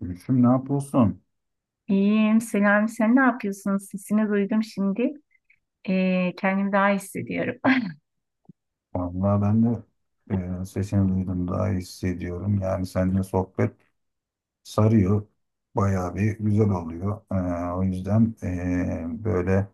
Gülüşüm ne yapıyorsun? İyiyim. Selam. Sen ne yapıyorsun? Sesini duydum şimdi. Kendimi daha iyi hissediyorum. Vallahi ben de sesini duydum daha iyi hissediyorum. Yani seninle sohbet sarıyor. Bayağı bir güzel oluyor. O yüzden böyle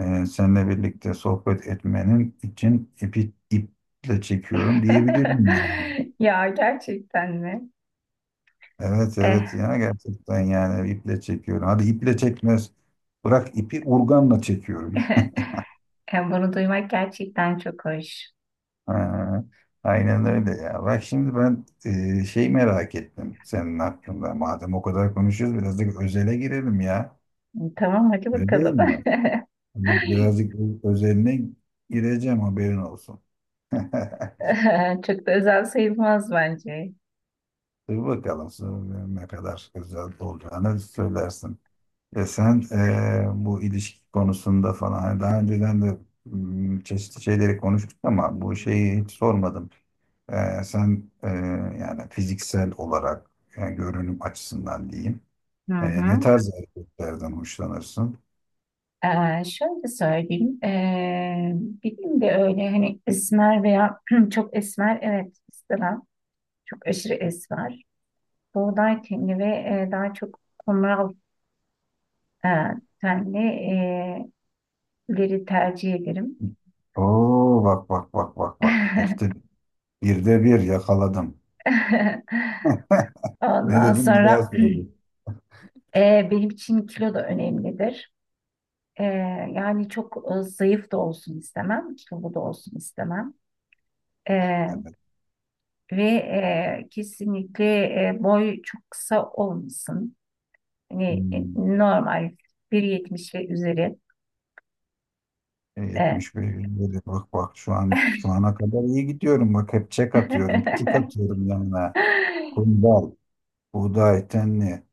seninle birlikte sohbet etmenin için iple çekiyorum diyebilirim yani. Ya gerçekten mi? Evet, Eh, evet, ya gerçekten yani iple çekiyorum. Hadi iple çekmez. Bırak ipi urganla çekiyorum. bunu duymak gerçekten çok hoş. Ha, aynen öyle ya. Bak şimdi ben şey merak ettim senin hakkında. Madem o kadar konuşuyoruz birazcık özele girelim ya. Tamam hadi Öyle değil bakalım. mi? Hani birazcık özeline gireceğim haberin olsun. Çok da özel sayılmaz bence. Dur bakalım sonra ne kadar özel olacağını söylersin. Ve sen bu ilişki konusunda falan hani daha önceden de çeşitli şeyleri konuştuk ama bu şeyi hiç sormadım. Sen yani fiziksel olarak, yani görünüm açısından diyeyim. Hı Ne hı. tarz erkeklerden hoşlanırsın? Şöyle söyleyeyim. Benim de öyle hani esmer veya çok esmer evet istemem. Çok aşırı esmer. Buğday tenli ve daha çok kumral e, tenli leri tercih ederim. Oo, bak bak bak bak bak, işte bir yakaladım. Ne Ondan dedim bir daha sonra söyle. Benim için kilo da önemlidir. Ee, Yani çok zayıf da olsun istemem, kilolu da olsun istemem. Ee, Evet. ve kesinlikle boy çok kısa olmasın. Yani Hmm. normal 1,70 ve üzeri. Ee, 71 dedi. Bak bak şu an şu ana kadar iyi gidiyorum. Bak hep çek atıyorum, tik atıyorum yanına. Kundal, buğday, tenli,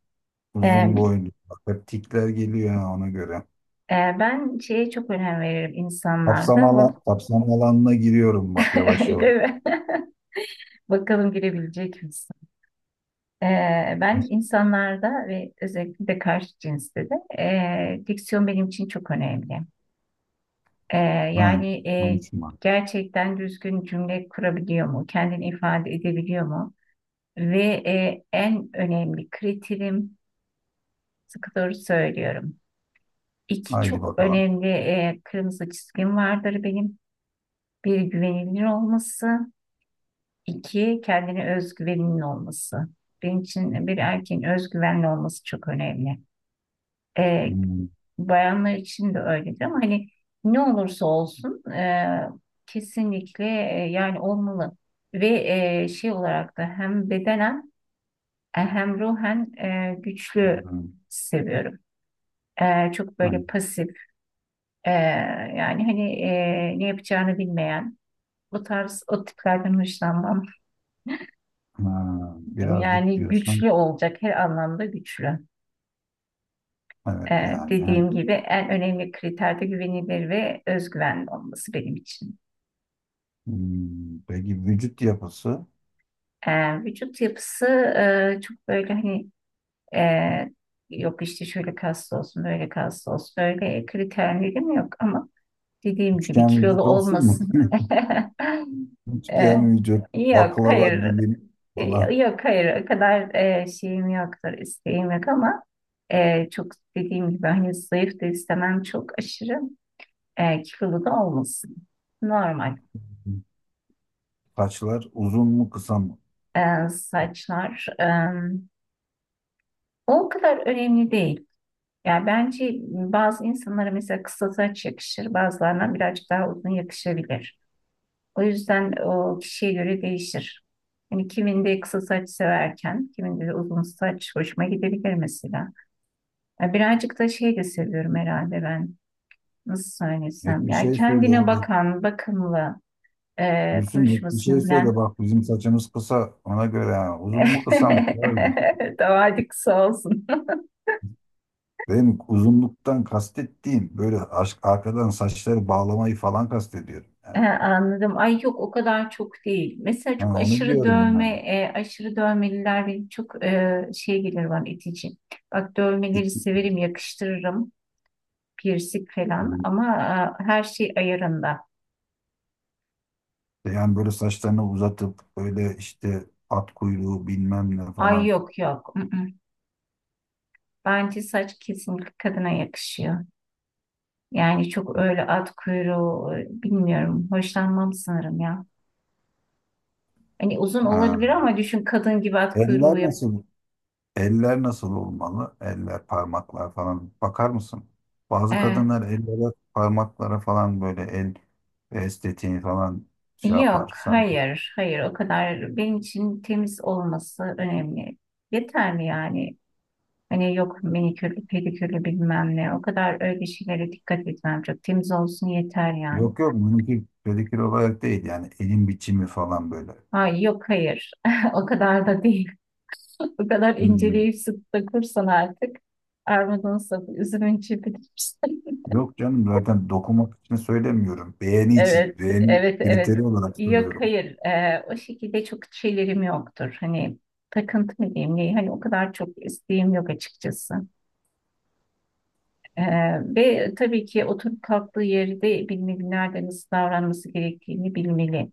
uzun Ee, boylu. Bak hep tikler geliyor ha, ona göre. ben şeye çok önem veririm Kapsam, insanlarda bu. alan, kapsam alanına giriyorum bak yavaş yavaş. Değil mi? Bakalım girebilecek misin? Ben insanlarda ve özellikle de karşı cinste de diksiyon benim için çok önemli. Ee, Ha, Yani konuşma. gerçekten düzgün cümle kurabiliyor mu? Kendini ifade edebiliyor mu? Ve en önemli kriterim sıkı doğru söylüyorum. İki Haydi çok bakalım. önemli kırmızı çizgim vardır benim. Bir güvenilir olması, iki kendine özgüveninin olması. Benim için bir erkeğin özgüvenli olması çok önemli. E, Hmm, Bayanlar için de öyledir ama hani ne olursa olsun kesinlikle yani olmalı ve şey olarak da hem bedenen hem ruhen güçlü hmm, seviyorum. Çok ha, böyle pasif yani hani ne yapacağını bilmeyen o tarz o tiplerden hoşlanmam. ha, birazcık Yani diyorsun. güçlü olacak, her anlamda güçlü. Evet yani. Ha. Dediğim gibi en önemli kriterde güvenilir ve özgüvenli olması benim için. Hmm, peki vücut yapısı? E, Vücut yapısı çok böyle hani yok işte şöyle kaslı olsun, böyle kaslı olsun, öyle kriterlerim yok ama dediğim gibi Üçgen kilolu vücut olsun mu? olmasın. E, Üçgen vücut, Yok, baklava hayır, dilim falan. yok, hayır, o kadar şeyim yoktur, isteğim yok ama çok dediğim gibi hani zayıf da istemem, çok aşırı kilolu da olmasın. Normal. Saçlar uzun mu kısa mı? Saçlar o kadar önemli değil. Yani bence bazı insanlara mesela kısa saç yakışır, bazılarına birazcık daha uzun yakışabilir. O yüzden o kişiye göre değişir. Yani kiminde kısa saç severken, kiminde de uzun saç hoşuma gidebilir mesela. Ya birazcık da şey de seviyorum herhalde ben. Nasıl Net söylesem, bir ya şey söyle ya. kendine bakan, bakımlı, Gülsüm bir şey konuşmasını söyle, bilen. bak bizim saçımız kısa ona göre ha. Uzun mu kısa mı karar ver. Tamam hadi kısa olsun. Benim uzunluktan kastettiğim böyle aşk arkadan saçları bağlamayı falan kastediyorum. He, Yani. anladım. Ay yok, o kadar çok değil. Mesela çok Hani onu aşırı diyorum dövme, yani. Aşırı dövmeliler benim çok şey gelir, bana itici. Bak, dövmeleri İki- severim, yakıştırırım. Piercing falan, Yani, ama her şey ayarında. yani, böyle saçlarını uzatıp böyle işte at kuyruğu bilmem ne Ay falan. yok yok. I-ı. Bence saç kesinlikle kadına yakışıyor. Yani çok öyle at kuyruğu bilmiyorum. Hoşlanmam sanırım ya. Hani uzun olabilir Ha. ama düşün, kadın gibi at kuyruğu Eller nasıl Eller nasıl olmalı? Eller, parmaklar falan. Bakar mısın? Bazı yaptı. kadınlar ellere, parmaklara falan böyle el estetiğini falan şey yapar. Yok, Sen, hayır, hayır. O kadar benim için temiz olması önemli. Yeterli mi yani? Hani yok minikürlü, pedikürlü bilmem ne. O kadar öyle şeylere dikkat etmem. Çok temiz olsun yeter yani. yok yok, bununki pedikür olarak değil, yani elin biçimi falan böyle. Ay yok hayır. O kadar da değil. O kadar Hmm. inceleyip sık dokursan artık armudun sapı, üzümün çöpüdür. Yok canım, zaten dokunmak için söylemiyorum. Beğeni için, Evet, beğeni evet, evet. kriteri olarak Yok, söylüyorum. hayır. O şekilde çok şeylerim yoktur. Hani takıntı mı diyeyim, ne? Hani o kadar çok isteğim yok açıkçası. Ve tabii ki oturup kalktığı yerde bilmeli, nerede nasıl davranması gerektiğini bilmeli.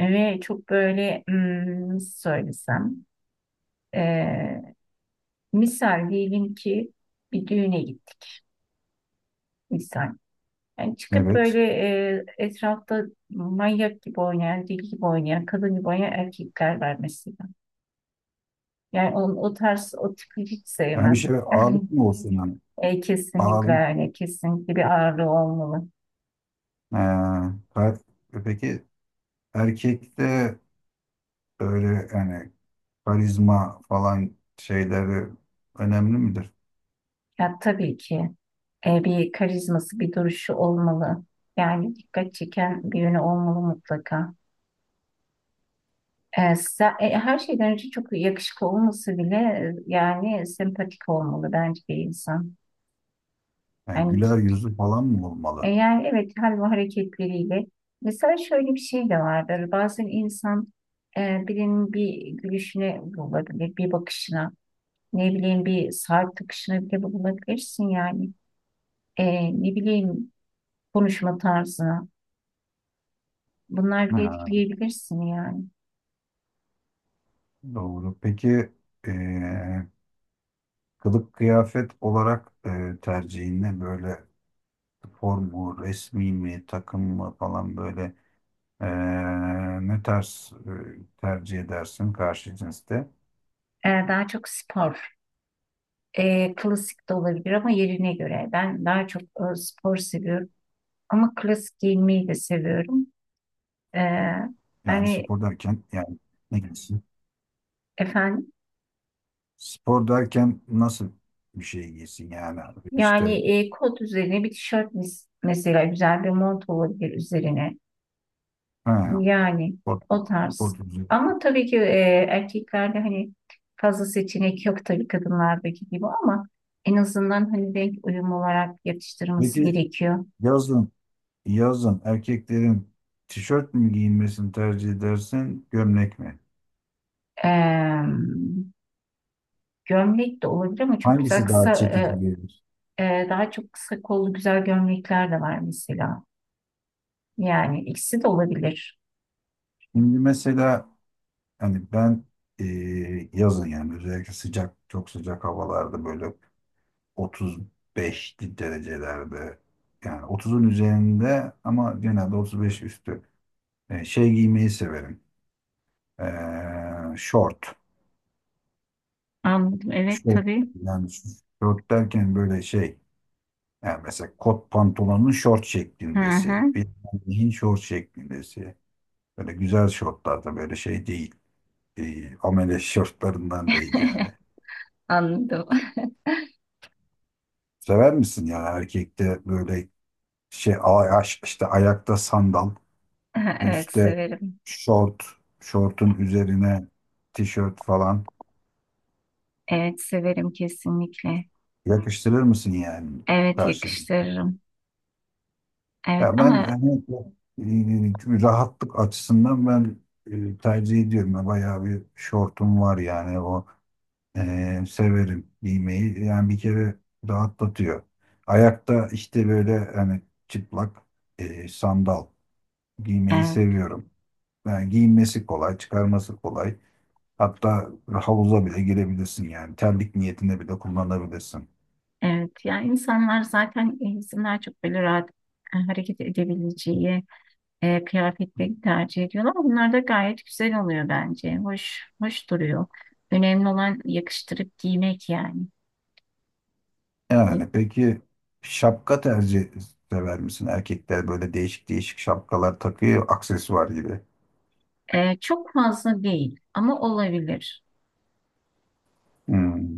Ve çok böyle, nasıl söylesem. eee, Misal diyelim ki bir düğüne gittik. Misal. Yani çıkıp Evet. böyle etrafta manyak gibi oynayan, deli gibi oynayan, kadın gibi oynayan erkekler var mesela. Yani onun, o tarz, o tipi hiç Yani bir sevmem. şey, ağırlık mı olsun yani? Yani, kesinlikle, Ağırlık. yani kesinlikle bir ağırlığı olmalı. Ee, kalp- peki erkekte öyle yani karizma falan şeyleri önemli midir? Ya tabii ki bir karizması, bir duruşu olmalı. Yani dikkat çeken bir yönü olmalı mutlaka. Her şeyden önce çok yakışıklı olması bile, yani sempatik olmalı bence bir insan. Yani Yani güler yüzü falan mı E, olmalı? Yani evet, hal ve hareketleriyle. Mesela şöyle bir şey de vardır. Bazen insan birinin bir gülüşüne bulabilir, bir bakışına, ne bileyim, bir saat takışına bile bulabilirsin yani. Ne bileyim, konuşma tarzına. Bunlar bile Ha, etkileyebilirsin yani. doğru. Peki eee, kılık kıyafet olarak tercihin ne? Böyle spor mu, resmi mi, takım mı falan, böyle ne tarz tercih edersin karşı cinste? Daha çok spor. Klasik de olabilir ama yerine göre. Ben daha çok spor seviyorum. Ama klasik giyinmeyi de seviyorum. E, Yani yani spor derken yani ne giysin? Efendim? Spor derken nasıl bir şey giysin yani abi? İşte Yani kot üzerine bir tişört, mesela güzel bir mont olabilir üzerine. ha, Yani spor, o spor tarz. düzü. Ama tabii ki erkeklerde hani fazla seçenek yok tabii, kadınlardaki gibi, ama en azından hani renk uyum olarak yatıştırması Peki gerekiyor. yazın yazın erkeklerin tişört mü giyinmesini tercih edersin gömlek mi? Eee, Gömlek de olabilir ama çok güzel Hangisi kısa daha çekici gelir? Daha çok kısa kollu güzel gömlekler de var mesela. Yani ikisi de olabilir. Şimdi mesela hani ben e, yazın yani özellikle sıcak çok sıcak havalarda böyle 35 derecelerde, yani 30'un üzerinde ama genelde 35 üstü. Şey giymeyi severim. Short. Anladım. Evet Short, tabii. yani short derken böyle şey. Yani mesela kot pantolonun short Hı şeklindesi. hı. Bir jean short şeklindesi. Böyle güzel şortlar da, böyle şey değil. Amele şortlarından değil yani. Anladım. Sever misin yani erkekte böyle şey, işte ayakta sandal, Ha, evet üstte severim. short, şortun üzerine tişört falan, Evet severim kesinlikle. yakıştırır mısın yani Evet karşı? yakıştırırım. Evet, Ya ben ama hani, rahatlık açısından ben tercih ediyorum. Ya, bayağı bir şortum var yani, o severim giymeyi. Yani bir kere rahatlatıyor. Ayakta işte böyle hani çıplak sandal giymeyi evet, seviyorum. Yani giyinmesi kolay, çıkarması kolay. Hatta havuza bile girebilirsin yani. Terlik niyetine bile kullanabilirsin. evet ya, insanlar zaten insanlar çok böyle rahat hareket edebileceği kıyafetleri tercih ediyorlar. Bunlar da gayet güzel oluyor bence. Hoş hoş duruyor. Önemli olan yakıştırıp giymek yani. Yani peki şapka sever misin? Erkekler böyle değişik değişik şapkalar takıyor, aksesuar gibi. Çok fazla değil ama olabilir. Hmm.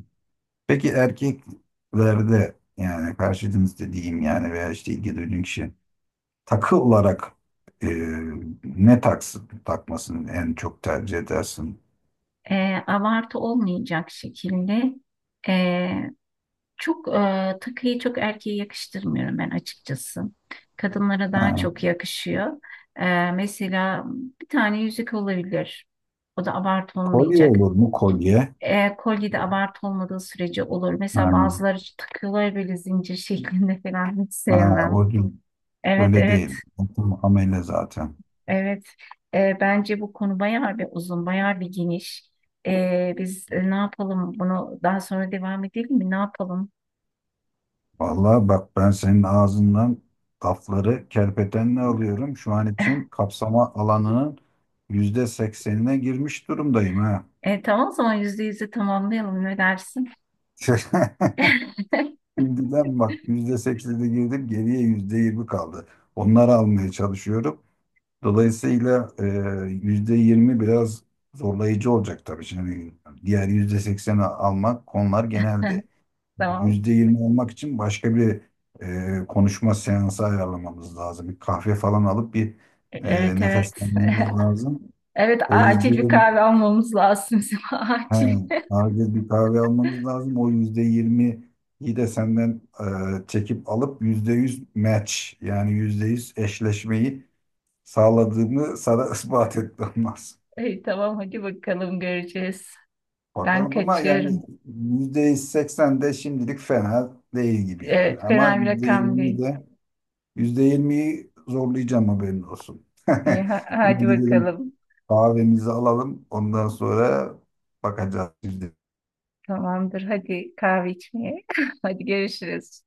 Peki erkeklerde yani karşı cins dediğim yani, veya işte ilgi duyduğun kişi takı olarak e, ne taksın, takmasını en çok tercih edersin? Abartı olmayacak şekilde, e, çok takıyı çok erkeğe yakıştırmıyorum ben açıkçası. Kadınlara daha Ha, çok yakışıyor. Mesela bir tane yüzük olabilir. O da abartı kolye olmayacak. olur mu kolye? Kolye de abartı olmadığı sürece olur. Ha, Mesela bazıları takıyorlar böyle zincir şeklinde falan, hiç ha, sevmem. o değil. Evet, Öyle evet, değil. Amel'e zaten. evet. Bence bu konu bayağı bir uzun, bayağı bir geniş. Biz ne yapalım? Bunu daha sonra devam edelim mi? Ne yapalım? Vallahi bak, ben senin ağzından lafları kerpetenle alıyorum. Şu an için kapsama alanının %80'ine girmiş durumdayım ha. Tamam, o zaman yüzde yüzü tamamlayalım, ne dersin? Şimdiden bak, %80'e girdim, geriye %20 kaldı. Onları almaya çalışıyorum. Dolayısıyla %20 biraz zorlayıcı olacak tabii. Şimdi diğer %80'i almak, konular geneldi. Tamam. %20 olmak için başka bir konuşma seansı ayarlamamız lazım. Bir kahve falan alıp bir Evet evet. nefeslenmemiz lazım. Evet, O acil bir %20, kahve almamız lazım bizim, he, acil. acil bir kahve almamız lazım. O %20'yi de senden çekip alıp %100 match, yani %100 eşleşmeyi sağladığımı sana ispat etmem lazım. İyi tamam, hadi bakalım, göreceğiz. Ben Bakalım ama yani kaçıyorum. %80 de şimdilik fena değil gibi yani. Evet, Ama fena bir rakam %20'yi değil. de, %20'yi zorlayacağım haberin olsun. İyi, hadi Şimdi gidelim bakalım. kahvemizi alalım. Ondan sonra bakacağız. Tamamdır, hadi kahve içmeye. Hadi görüşürüz.